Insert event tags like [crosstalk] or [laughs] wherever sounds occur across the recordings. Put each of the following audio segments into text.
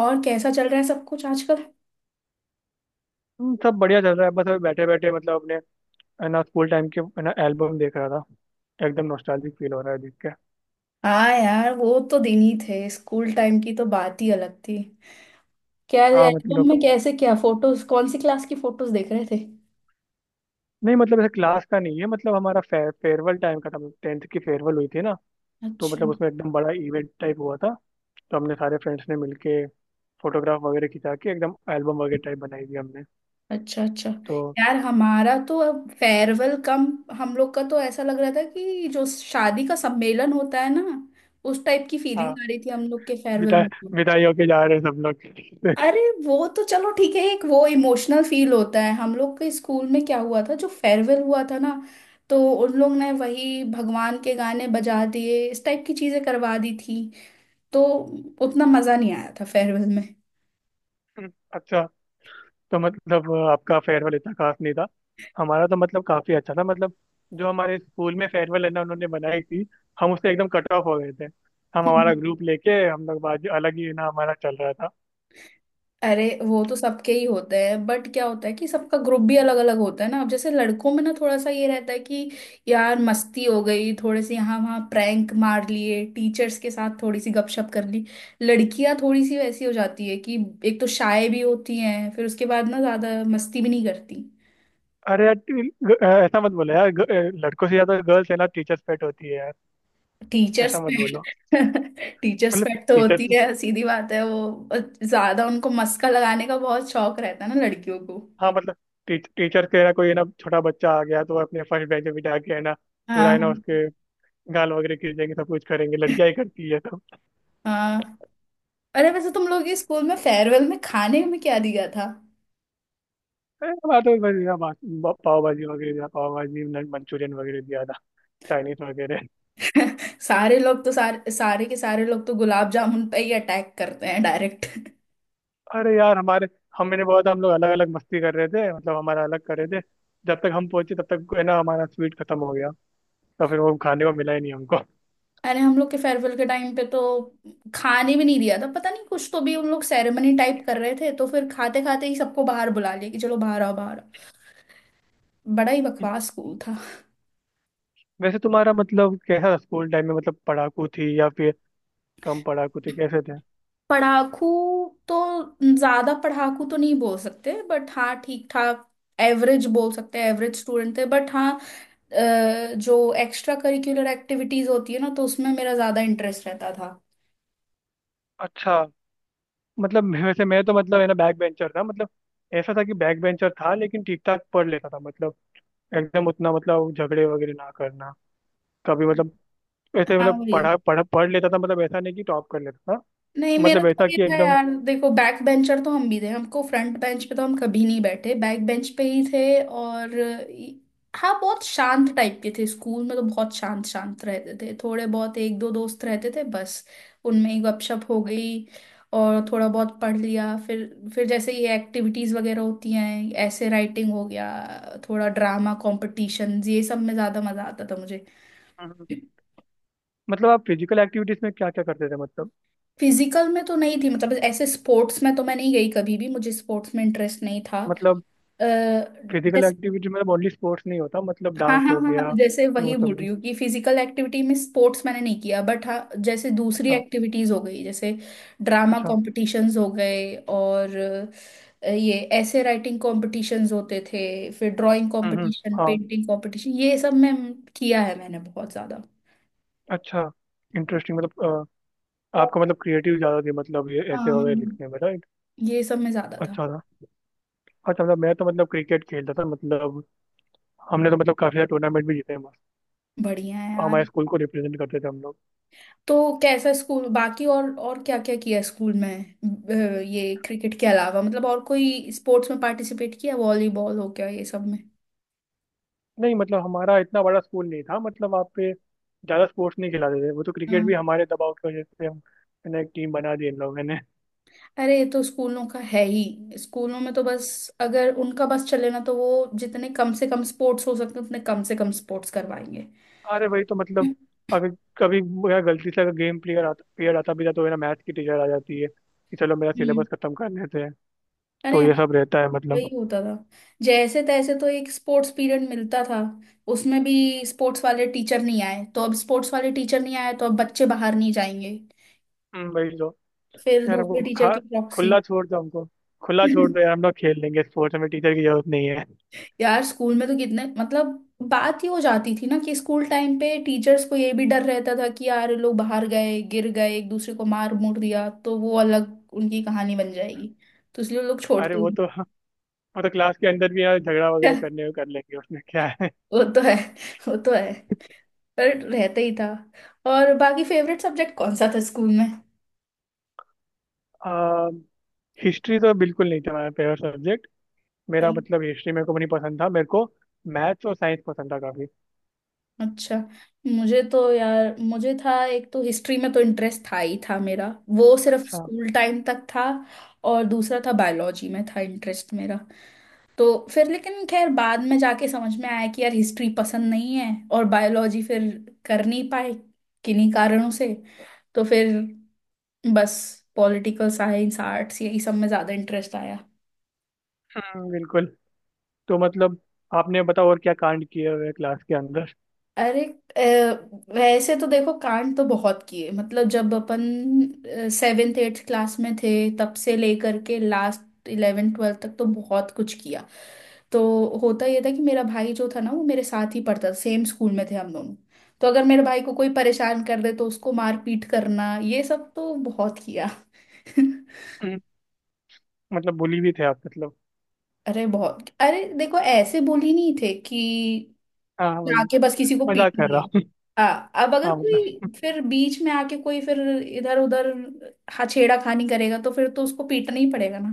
और कैसा चल रहा है सब कुछ आजकल। सब बढ़िया चल रहा है। बस अभी बैठे बैठे मतलब अपने है ना स्कूल टाइम के है ना एल्बम देख रहा था। एकदम नॉस्टैल्जिक फील हो रहा है देख के। हाँ यार, वो तो दिन ही थे। स्कूल टाइम की तो बात ही अलग थी। क्या हाँ एल्बम मतलब में कैसे, क्या फोटोज, कौन सी क्लास की फोटोज देख रहे थे? नहीं मतलब ऐसे क्लास का नहीं है। मतलब हमारा फेयरवेल टाइम का था। टेंथ की फेयरवेल हुई थी ना। तो अच्छा मतलब उसमें एकदम बड़ा इवेंट टाइप हुआ था। तो हमने सारे फ्रेंड्स ने मिलके फोटोग्राफ वगैरह खिंचा के एकदम एल्बम वगैरह टाइप बनाई थी हमने। अच्छा अच्छा। तो यार हमारा तो अब फेयरवेल कम, हम लोग का तो ऐसा लग रहा था कि जो शादी का सम्मेलन होता है ना, उस टाइप की हाँ फीलिंग आ रही थी हम लोग के फेयरवेल विदाई, में। विदाई होके जा रहे हैं सब लोग। अरे वो तो चलो ठीक है, एक वो इमोशनल फील होता है। हम लोग के स्कूल में क्या हुआ था, जो फेयरवेल हुआ था ना, तो उन लोग ने वही भगवान के गाने बजा दिए, इस टाइप की चीजें करवा दी थी। तो उतना मजा नहीं आया था फेयरवेल [laughs] अच्छा। तो मतलब आपका फेयरवेल इतना खास नहीं था। हमारा तो मतलब काफी अच्छा था। मतलब जो हमारे स्कूल में फेयरवेल है ना उन्होंने बनाई थी। हम उससे एकदम कट ऑफ हो गए थे। हम में। हमारा ग्रुप लेके हम लोग बाजू अलग ही ना हमारा चल रहा था। अरे वो तो सबके ही होते हैं, बट क्या होता है कि सबका ग्रुप भी अलग अलग होता है ना। अब जैसे लड़कों में ना थोड़ा सा ये रहता है कि यार मस्ती हो गई, थोड़े से यहाँ वहाँ प्रैंक मार लिए, टीचर्स के साथ थोड़ी सी गपशप कर ली। लड़कियां थोड़ी सी वैसी हो जाती है कि एक तो शाय भी होती हैं, फिर उसके बाद ना ज्यादा मस्ती भी नहीं करती। अरे यार ऐसा मत बोलो यार लड़कों से ज्यादा गर्ल्स है ना टीचर्स पेट होती है यार। टीचर्स ऐसा मत बोलो। पेट। टीचर्स मतलब पेट [laughs] तो होती टीचर्स। है, सीधी बात है वो। ज्यादा उनको मस्का लगाने का बहुत शौक रहता है ना लड़कियों को। हाँ मतलब टीचर के ना कोई ना छोटा बच्चा आ गया तो वो अपने फर्स्ट बेंच पे बिठा के है ना पूरा हाँ, है ना उसके गाल वगैरह खींचेंगे सब कुछ करेंगे। लड़कियां ही करती है। हाँ। अरे वैसे तुम लोग के स्कूल में फेयरवेल में खाने में क्या दिया था? अरे हमारा तो बस यहाँ पाव भाजी वगैरह दिया, पाव भाजी मंचूरियन वगैरह दिया था। चाइनीज वगैरह। [laughs] सारे लोग तो, सारे सारे के सारे लोग तो गुलाब जामुन पे ही अटैक करते हैं डायरेक्ट। अरे यार हमारे, हम मैंने बोला था हम लोग अलग अलग मस्ती कर रहे थे। मतलब हमारा अलग कर रहे थे। जब तक हम पहुंचे तब तक है ना हमारा स्वीट खत्म हो गया। तो फिर वो खाने को मिला ही नहीं हमको। [laughs] अरे हम लोग के फेयरवेल के टाइम पे तो खाने भी नहीं दिया था। पता नहीं कुछ तो भी उन लोग सेरेमनी टाइप कर रहे थे, तो फिर खाते खाते ही सबको बाहर बुला लिया कि चलो बाहर आओ, बाहर आओ। बड़ा ही बकवास स्कूल था। वैसे तुम्हारा मतलब कैसा था स्कूल टाइम में? मतलब पढ़ाकू थी या फिर कम पढ़ाकू थी, कैसे थे? पढ़ाकू? तो ज्यादा पढ़ाकू तो नहीं बोल सकते, बट हाँ ठीक ठाक, एवरेज बोल सकते हैं, एवरेज स्टूडेंट थे। बट हाँ, जो एक्स्ट्रा करिकुलर एक्टिविटीज होती है ना, तो उसमें मेरा ज्यादा इंटरेस्ट रहता था। अच्छा। मतलब वैसे मैं तो मतलब है ना बैक बेंचर था। मतलब ऐसा था कि बैक बेंचर था लेकिन ठीक ठाक पढ़ लेता था। मतलब एकदम उतना मतलब झगड़े वगैरह ना करना कभी। मतलब ऐसे हाँ मतलब वही। पढ़ा पढ़ा पढ़ लेता था। मतलब ऐसा नहीं कि टॉप कर लेता था। नहीं, मेरा मतलब तो ऐसा ये कि था, एकदम। यार देखो बैक बेंचर तो हम भी थे। हमको फ्रंट बेंच पे तो हम कभी नहीं बैठे, बैक बेंच पे ही थे। और हाँ, बहुत शांत टाइप के थे स्कूल में, तो बहुत शांत शांत रहते थे। थोड़े बहुत एक दो दोस्त रहते थे बस, उनमें ही गपशप हो गई, और थोड़ा बहुत पढ़ लिया। फिर जैसे ये एक्टिविटीज़ वगैरह होती हैं, ऐसे राइटिंग हो गया, थोड़ा ड्रामा कॉम्पिटिशन, ये सब में ज़्यादा मज़ा आता था मुझे। हम्म। मतलब आप फिजिकल एक्टिविटीज में क्या क्या करते थे मतलब? फिजिकल में तो नहीं थी, मतलब ऐसे स्पोर्ट्स में तो मैं नहीं गई कभी भी, मुझे स्पोर्ट्स में इंटरेस्ट नहीं था। मतलब अ, फिजिकल जैसे, एक्टिविटीज में ओनली स्पोर्ट्स नहीं होता। मतलब हाँ डांस हाँ हो हाँ, गया, जैसे वही वो बोल सब रही भी। हूँ कि फिजिकल एक्टिविटी में स्पोर्ट्स मैंने नहीं किया, बट हाँ जैसे दूसरी अच्छा। एक्टिविटीज हो गई, जैसे ड्रामा अच्छा। कॉम्पिटिशन्स हो गए, और ये ऐसे राइटिंग कॉम्पिटिशन्स होते थे, फिर ड्राइंग हम्म। कॉम्पिटिशन, हाँ। पेंटिंग कॉम्पिटिशन, ये सब में किया है मैंने बहुत ज्यादा। अच्छा। इंटरेस्टिंग। मतलब आपका मतलब क्रिएटिव ज़्यादा थी। मतलब ये ऐसे हाँ, वगैरह लिखने में राइट। ये सब में ज्यादा था। अच्छा था। अच्छा मतलब मैं तो मतलब क्रिकेट खेलता था। मतलब हमने तो मतलब काफ़ी सारे टूर्नामेंट भी जीते हैं मस्त। बढ़िया है हमारे यार। स्कूल को रिप्रेजेंट करते थे हम लोग। तो कैसा स्कूल बाकी, और क्या क्या किया स्कूल में? ये क्रिकेट के अलावा मतलब और कोई स्पोर्ट्स में पार्टिसिपेट किया, वॉलीबॉल हो गया, ये सब में? नहीं मतलब हमारा इतना बड़ा स्कूल नहीं था। मतलब वहाँ पे ज़्यादा स्पोर्ट्स नहीं खिलाते थे। वो तो क्रिकेट भी हाँ। हमारे दबाव की वजह से हम मैंने एक टीम बना दी इन लोगों ने। अरे ये तो स्कूलों का है ही। स्कूलों में तो बस अगर उनका बस चले ना, तो वो जितने कम से कम स्पोर्ट्स हो सकते हैं उतने कम से कम स्पोर्ट्स करवाएंगे। अरे भाई तो मतलब अगर कभी मेरा गलती से अगर गेम प्लेयर आता, प्लेयर आता भी था तो मेरा मैथ की टीचर आ जाती है कि चलो मेरा हम्म। सिलेबस खत्म कर लेते हैं। अरे तो हाँ, ये सब रहता है वही मतलब। होता था। जैसे तैसे तो एक स्पोर्ट्स पीरियड मिलता था, उसमें भी स्पोर्ट्स वाले टीचर नहीं आए तो अब, स्पोर्ट्स वाले टीचर नहीं आए तो अब बच्चे बाहर नहीं जाएंगे। वही तो। फिर यार दूसरे हमको टीचर खा की प्रॉक्सी। खुला छोड़ दो हमको। खुला छोड़ दो [laughs] यार, हम लोग खेल लेंगे स्पोर्ट्स। हमें टीचर की जरूरत नहीं है। यार स्कूल में तो कितने मतलब बात ही हो जाती थी ना, कि स्कूल टाइम पे टीचर्स को ये भी डर रहता था कि यार ये लोग बाहर गए, गिर गए, एक दूसरे को मार मुड़ दिया, तो वो अलग उनकी कहानी बन जाएगी। तो इसलिए वो लोग अरे छोड़ते वो ही तो, वो तो क्लास के अंदर भी यार झगड़ा वगैरह नहीं। करने को कर लेंगे। उसमें क्या है। [laughs] वो तो है, वो तो है, पर रहता ही था। और बाकी फेवरेट सब्जेक्ट कौन सा था स्कूल में? हिस्ट्री तो बिल्कुल नहीं था मेरा फेवरेट सब्जेक्ट। मेरा मतलब हिस्ट्री मेरे को भी नहीं पसंद था। मेरे को मैथ्स और साइंस पसंद था काफी। अच्छा। मुझे तो यार, मुझे था एक तो हिस्ट्री में तो इंटरेस्ट था ही था मेरा। वो सिर्फ अच्छा। स्कूल टाइम तक था। और दूसरा था, बायोलॉजी में था इंटरेस्ट मेरा। तो फिर, लेकिन खैर बाद में जाके समझ में आया कि यार हिस्ट्री पसंद नहीं है, और बायोलॉजी फिर कर नहीं पाए किन्हीं कारणों से। तो फिर बस पॉलिटिकल साइंस, आर्ट्स, यही सब में ज़्यादा इंटरेस्ट आया। बिल्कुल। तो मतलब आपने बताओ और क्या कांड किए हुए क्लास के अंदर। अरे, वैसे तो देखो कांड तो बहुत किए, मतलब जब अपन सेवेंथ एट्थ क्लास में थे, तब से लेकर के लास्ट इलेवेंथ ट्वेल्थ तक तो बहुत कुछ किया। तो होता ये था कि मेरा भाई जो था ना, वो मेरे साथ ही पढ़ता था, सेम स्कूल में थे हम दोनों। तो अगर मेरे भाई को कोई परेशान कर दे, तो उसको मार पीट करना ये सब तो बहुत किया। [laughs] हम्म, मतलब बुली भी थे आप मतलब? अरे बहुत, अरे देखो ऐसे बोली नहीं थे कि हाँ वही, जाके बस किसी को पीट मजाक कर रहा लिया। हूँ। हाँ अब [laughs] अगर हाँ मतलब। कोई फिर बीच में आके, कोई फिर इधर उधर हछेड़ा खानी करेगा, तो फिर तो उसको पीटना ही पड़ेगा ना।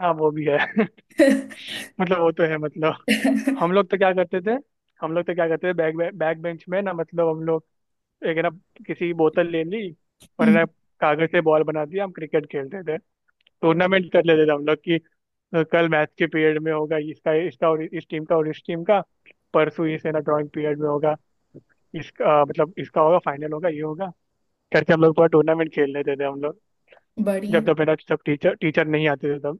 हाँ वो भी है। [laughs] मतलब वो तो है मतलब। हम [laughs] लोग तो क्या करते थे, हम लोग तो क्या करते थे बैक बैक बेंच में ना मतलब हम लोग एक है ना किसी की बोतल ले ली और है ना हम्म, कागज से बॉल बना दिया, हम क्रिकेट खेलते। टूर्नामेंट कर लेते थे हम लोग कि कल मैथ के पीरियड में होगा इसका, इसका और इस टीम का और इस टीम का, परसों इस है ना ड्राइंग पीरियड में होगा इसका, मतलब इसका होगा, फाइनल होगा, ये होगा, करके हम लोग पूरा टूर्नामेंट खेल लेते थे हम लोग। बढ़िया। जब जब है ना सब टीचर टीचर नहीं आते थे तब।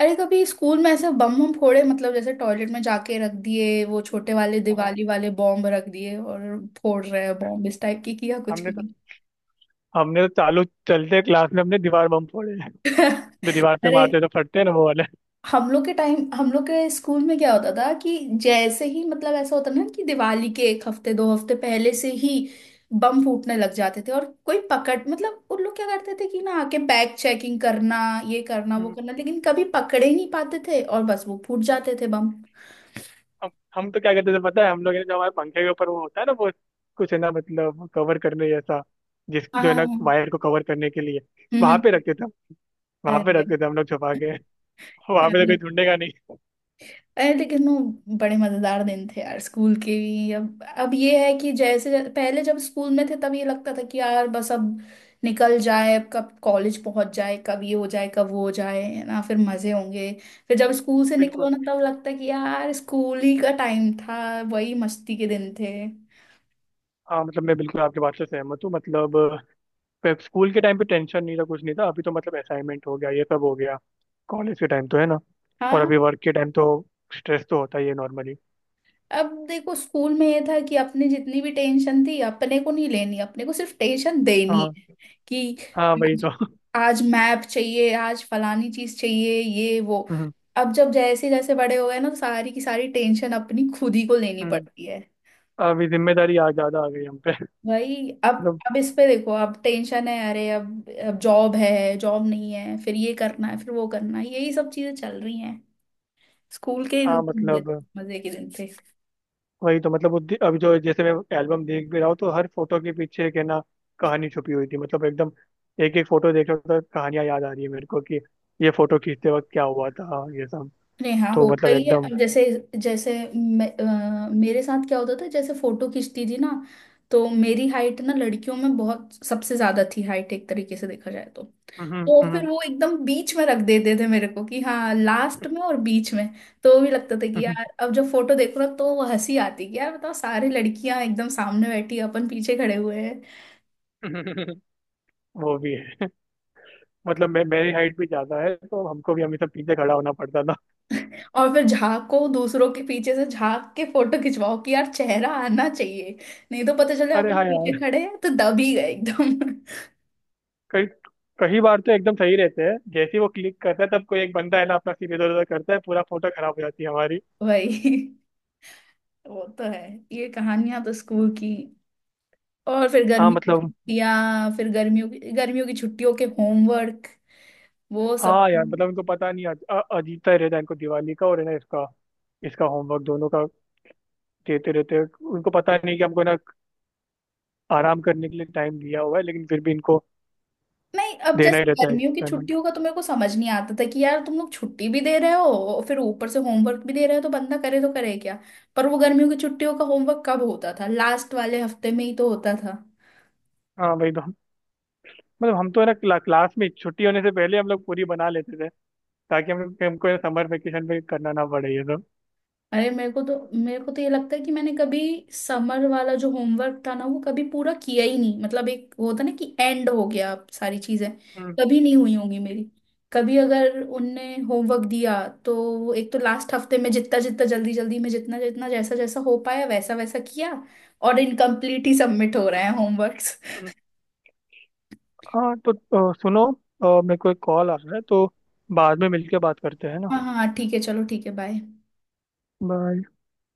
अरे कभी स्कूल में ऐसे बम बम फोड़े, मतलब जैसे टॉयलेट में जाके रख दिए वो छोटे वाले हाँ, दिवाली वाले बॉम्ब, रख दिए और फोड़ रहे हैं बॉम्ब, इस टाइप की किया कुछ हमने तो, भी? हमने तो चालू चलते क्लास में हमने दीवार बम फोड़े हैं। [laughs] जो दीवार पे अरे मारते तो फटते हैं ना वो हम लोग के टाइम, हम लोग के स्कूल में क्या होता था कि जैसे ही मतलब ऐसा होता ना कि दिवाली के एक हफ्ते दो हफ्ते पहले से ही बम फूटने लग जाते थे, और कोई पकड़ मतलब उन लोग क्या करते थे कि ना आके बैग चेकिंग करना, ये करना वो वाले। करना, लेकिन कभी पकड़े ही नहीं पाते थे, और बस वो फूट जाते थे बम। हम हम तो क्या करते थे पता है? हम लोग है ना, जो हमारे पंखे के ऊपर वो होता है ना वो कुछ है ना मतलब कवर करने जैसा, जिस जो हाँ। है ना हम्म। वायर को कवर करने के लिए, वहां हम्म। पे रखते थे, वहां पे अरे, रखते थे हम लोग छुपा के। [laughs] वहां पे तो कोई ढूंढेगा नहीं। अरे लेकिन वो बड़े मजेदार दिन थे यार स्कूल के भी। अब ये है कि जैसे पहले जब स्कूल में थे, तब ये लगता था कि यार बस अब निकल जाए, अब कब कॉलेज पहुंच जाए, कब ये हो जाए, कब वो हो जाए, है ना, फिर मजे होंगे। फिर जब स्कूल से निकलो बिल्कुल। ना, तब लगता है कि यार स्कूल ही का टाइम था, वही मस्ती के दिन थे। हाँ मतलब मैं बिल्कुल आपकी बात से सहमत हूँ। मतलब स्कूल के टाइम पे टेंशन नहीं था, कुछ नहीं था। अभी तो मतलब असाइनमेंट हो गया, ये सब हो गया, कॉलेज के टाइम तो है ना, और हाँ। अभी वर्क के टाइम तो स्ट्रेस तो होता ही है नॉर्मली। अब देखो स्कूल में ये था कि अपनी जितनी भी टेंशन थी, अपने को नहीं लेनी, अपने को सिर्फ टेंशन देनी हाँ, है कि हाँ वही आज तो। [laughs] आज मैप चाहिए, आज फलानी चीज चाहिए, ये वो। हम्म। अब जब जैसे जैसे बड़े हो गए ना, तो सारी की सारी टेंशन अपनी खुद ही को लेनी हम्म। पड़ती है। अभी जिम्मेदारी आ ज्यादा आ गई हम पे। [laughs] भाई, अब मतलब। अब इस पे देखो, अब टेंशन है। अरे अब जॉब है, जॉब नहीं है, फिर ये करना है, फिर वो करना है, यही सब चीजें चल रही हैं। स्कूल के हाँ मतलब मजे के दिन थे। वही तो। मतलब अभी जो जैसे मैं एल्बम देख भी रहा हूँ तो हर फोटो के पीछे एक है ना कहानी छुपी हुई थी। मतलब एकदम एक एक फोटो देख रहा हूँ तो कहानियां याद आ रही है मेरे को कि ये फोटो खींचते वक्त क्या हुआ था ये सब। नहीं, हाँ तो होता मतलब ही है। एकदम। अब जैसे, जैसे मैं, मेरे साथ क्या होता था, जैसे फोटो खींचती थी ना, तो मेरी हाइट ना, लड़कियों में बहुत सबसे ज्यादा थी हाइट, एक तरीके से देखा जाए तो। तो फिर हम्म। वो एकदम बीच में रख देते थे मेरे को कि हाँ लास्ट में और बीच में, तो भी लगता था कि हम्म। यार अब जब फोटो देखो ना, तो वो हंसी आती कि यार बताओ, सारी लड़कियां एकदम सामने बैठी हैं, अपन पीछे खड़े हुए हैं। [laughs] वो भी है। [laughs] मतलब मैं मेरी हाइट भी ज्यादा है तो हमको भी हमेशा पीछे खड़ा होना पड़ता था। [laughs] और फिर झांको दूसरों के पीछे से, झांक के फोटो खिंचवाओ कि यार चेहरा आना चाहिए, नहीं तो पता चले अरे अपन हाँ पीछे यार। खड़े हैं तो दब ही गए एकदम। कई, कई बार तो एकदम सही रहते हैं, जैसे ही वो क्लिक करता है तब कोई एक बंदा है ना अपना सिर इधर उधर करता है, पूरा फोटो खराब हो जाती है हमारी। [laughs] वही, वो तो है। ये कहानियां तो स्कूल की। और फिर हाँ गर्मी की मतलब। छुट्टियां, फिर गर्मियों की, गर्मियों की छुट्टियों के होमवर्क, वो सब। हाँ यार मतलब उनको पता नहीं अजीता ही रहता है इनको दिवाली का और है ना इसका, इसका होमवर्क दोनों का देते रहते हैं। उनको पता नहीं कि हमको ना आराम करने के लिए टाइम दिया हुआ है लेकिन फिर भी इनको नहीं अब देना जैसे ही रहता है गर्मियों की पेमेंट। छुट्टियों का तो मेरे को समझ नहीं आता था कि यार तुम लोग छुट्टी भी दे रहे हो, और फिर ऊपर से होमवर्क भी दे रहे हो, तो बंदा करे तो करे क्या। पर वो गर्मियों की छुट्टियों का होमवर्क कब होता था, लास्ट वाले हफ्ते में ही तो होता था। हाँ वही तो। हम मतलब हम तो है ना क्लास में छुट्टी होने से पहले हम लोग पूरी बना लेते थे ताकि हम हमको समर वेकेशन पे करना ना पड़े ये सब। अरे मेरे को तो, मेरे को तो ये लगता है कि मैंने कभी समर वाला जो होमवर्क था ना, वो कभी पूरा किया ही नहीं। मतलब एक वो होता ना कि एंड हो गया, अब सारी चीजें हम्म, कभी नहीं हुई होंगी मेरी। कभी अगर उनने होमवर्क दिया, तो वो एक तो लास्ट हफ्ते में, जितना जितना जल्दी जल्दी में, जितना जितना जैसा जैसा हो पाया वैसा वैसा किया, और इनकम्प्लीट ही सबमिट हो रहे हैं होमवर्क्स। हम्म। हाँ तो सुनो, मेरे को एक कॉल आ रहा है तो बाद में मिलके बात करते हैं ना। हाँ हाँ हाँ, ठीक है, चलो ठीक है, बाय। बाय।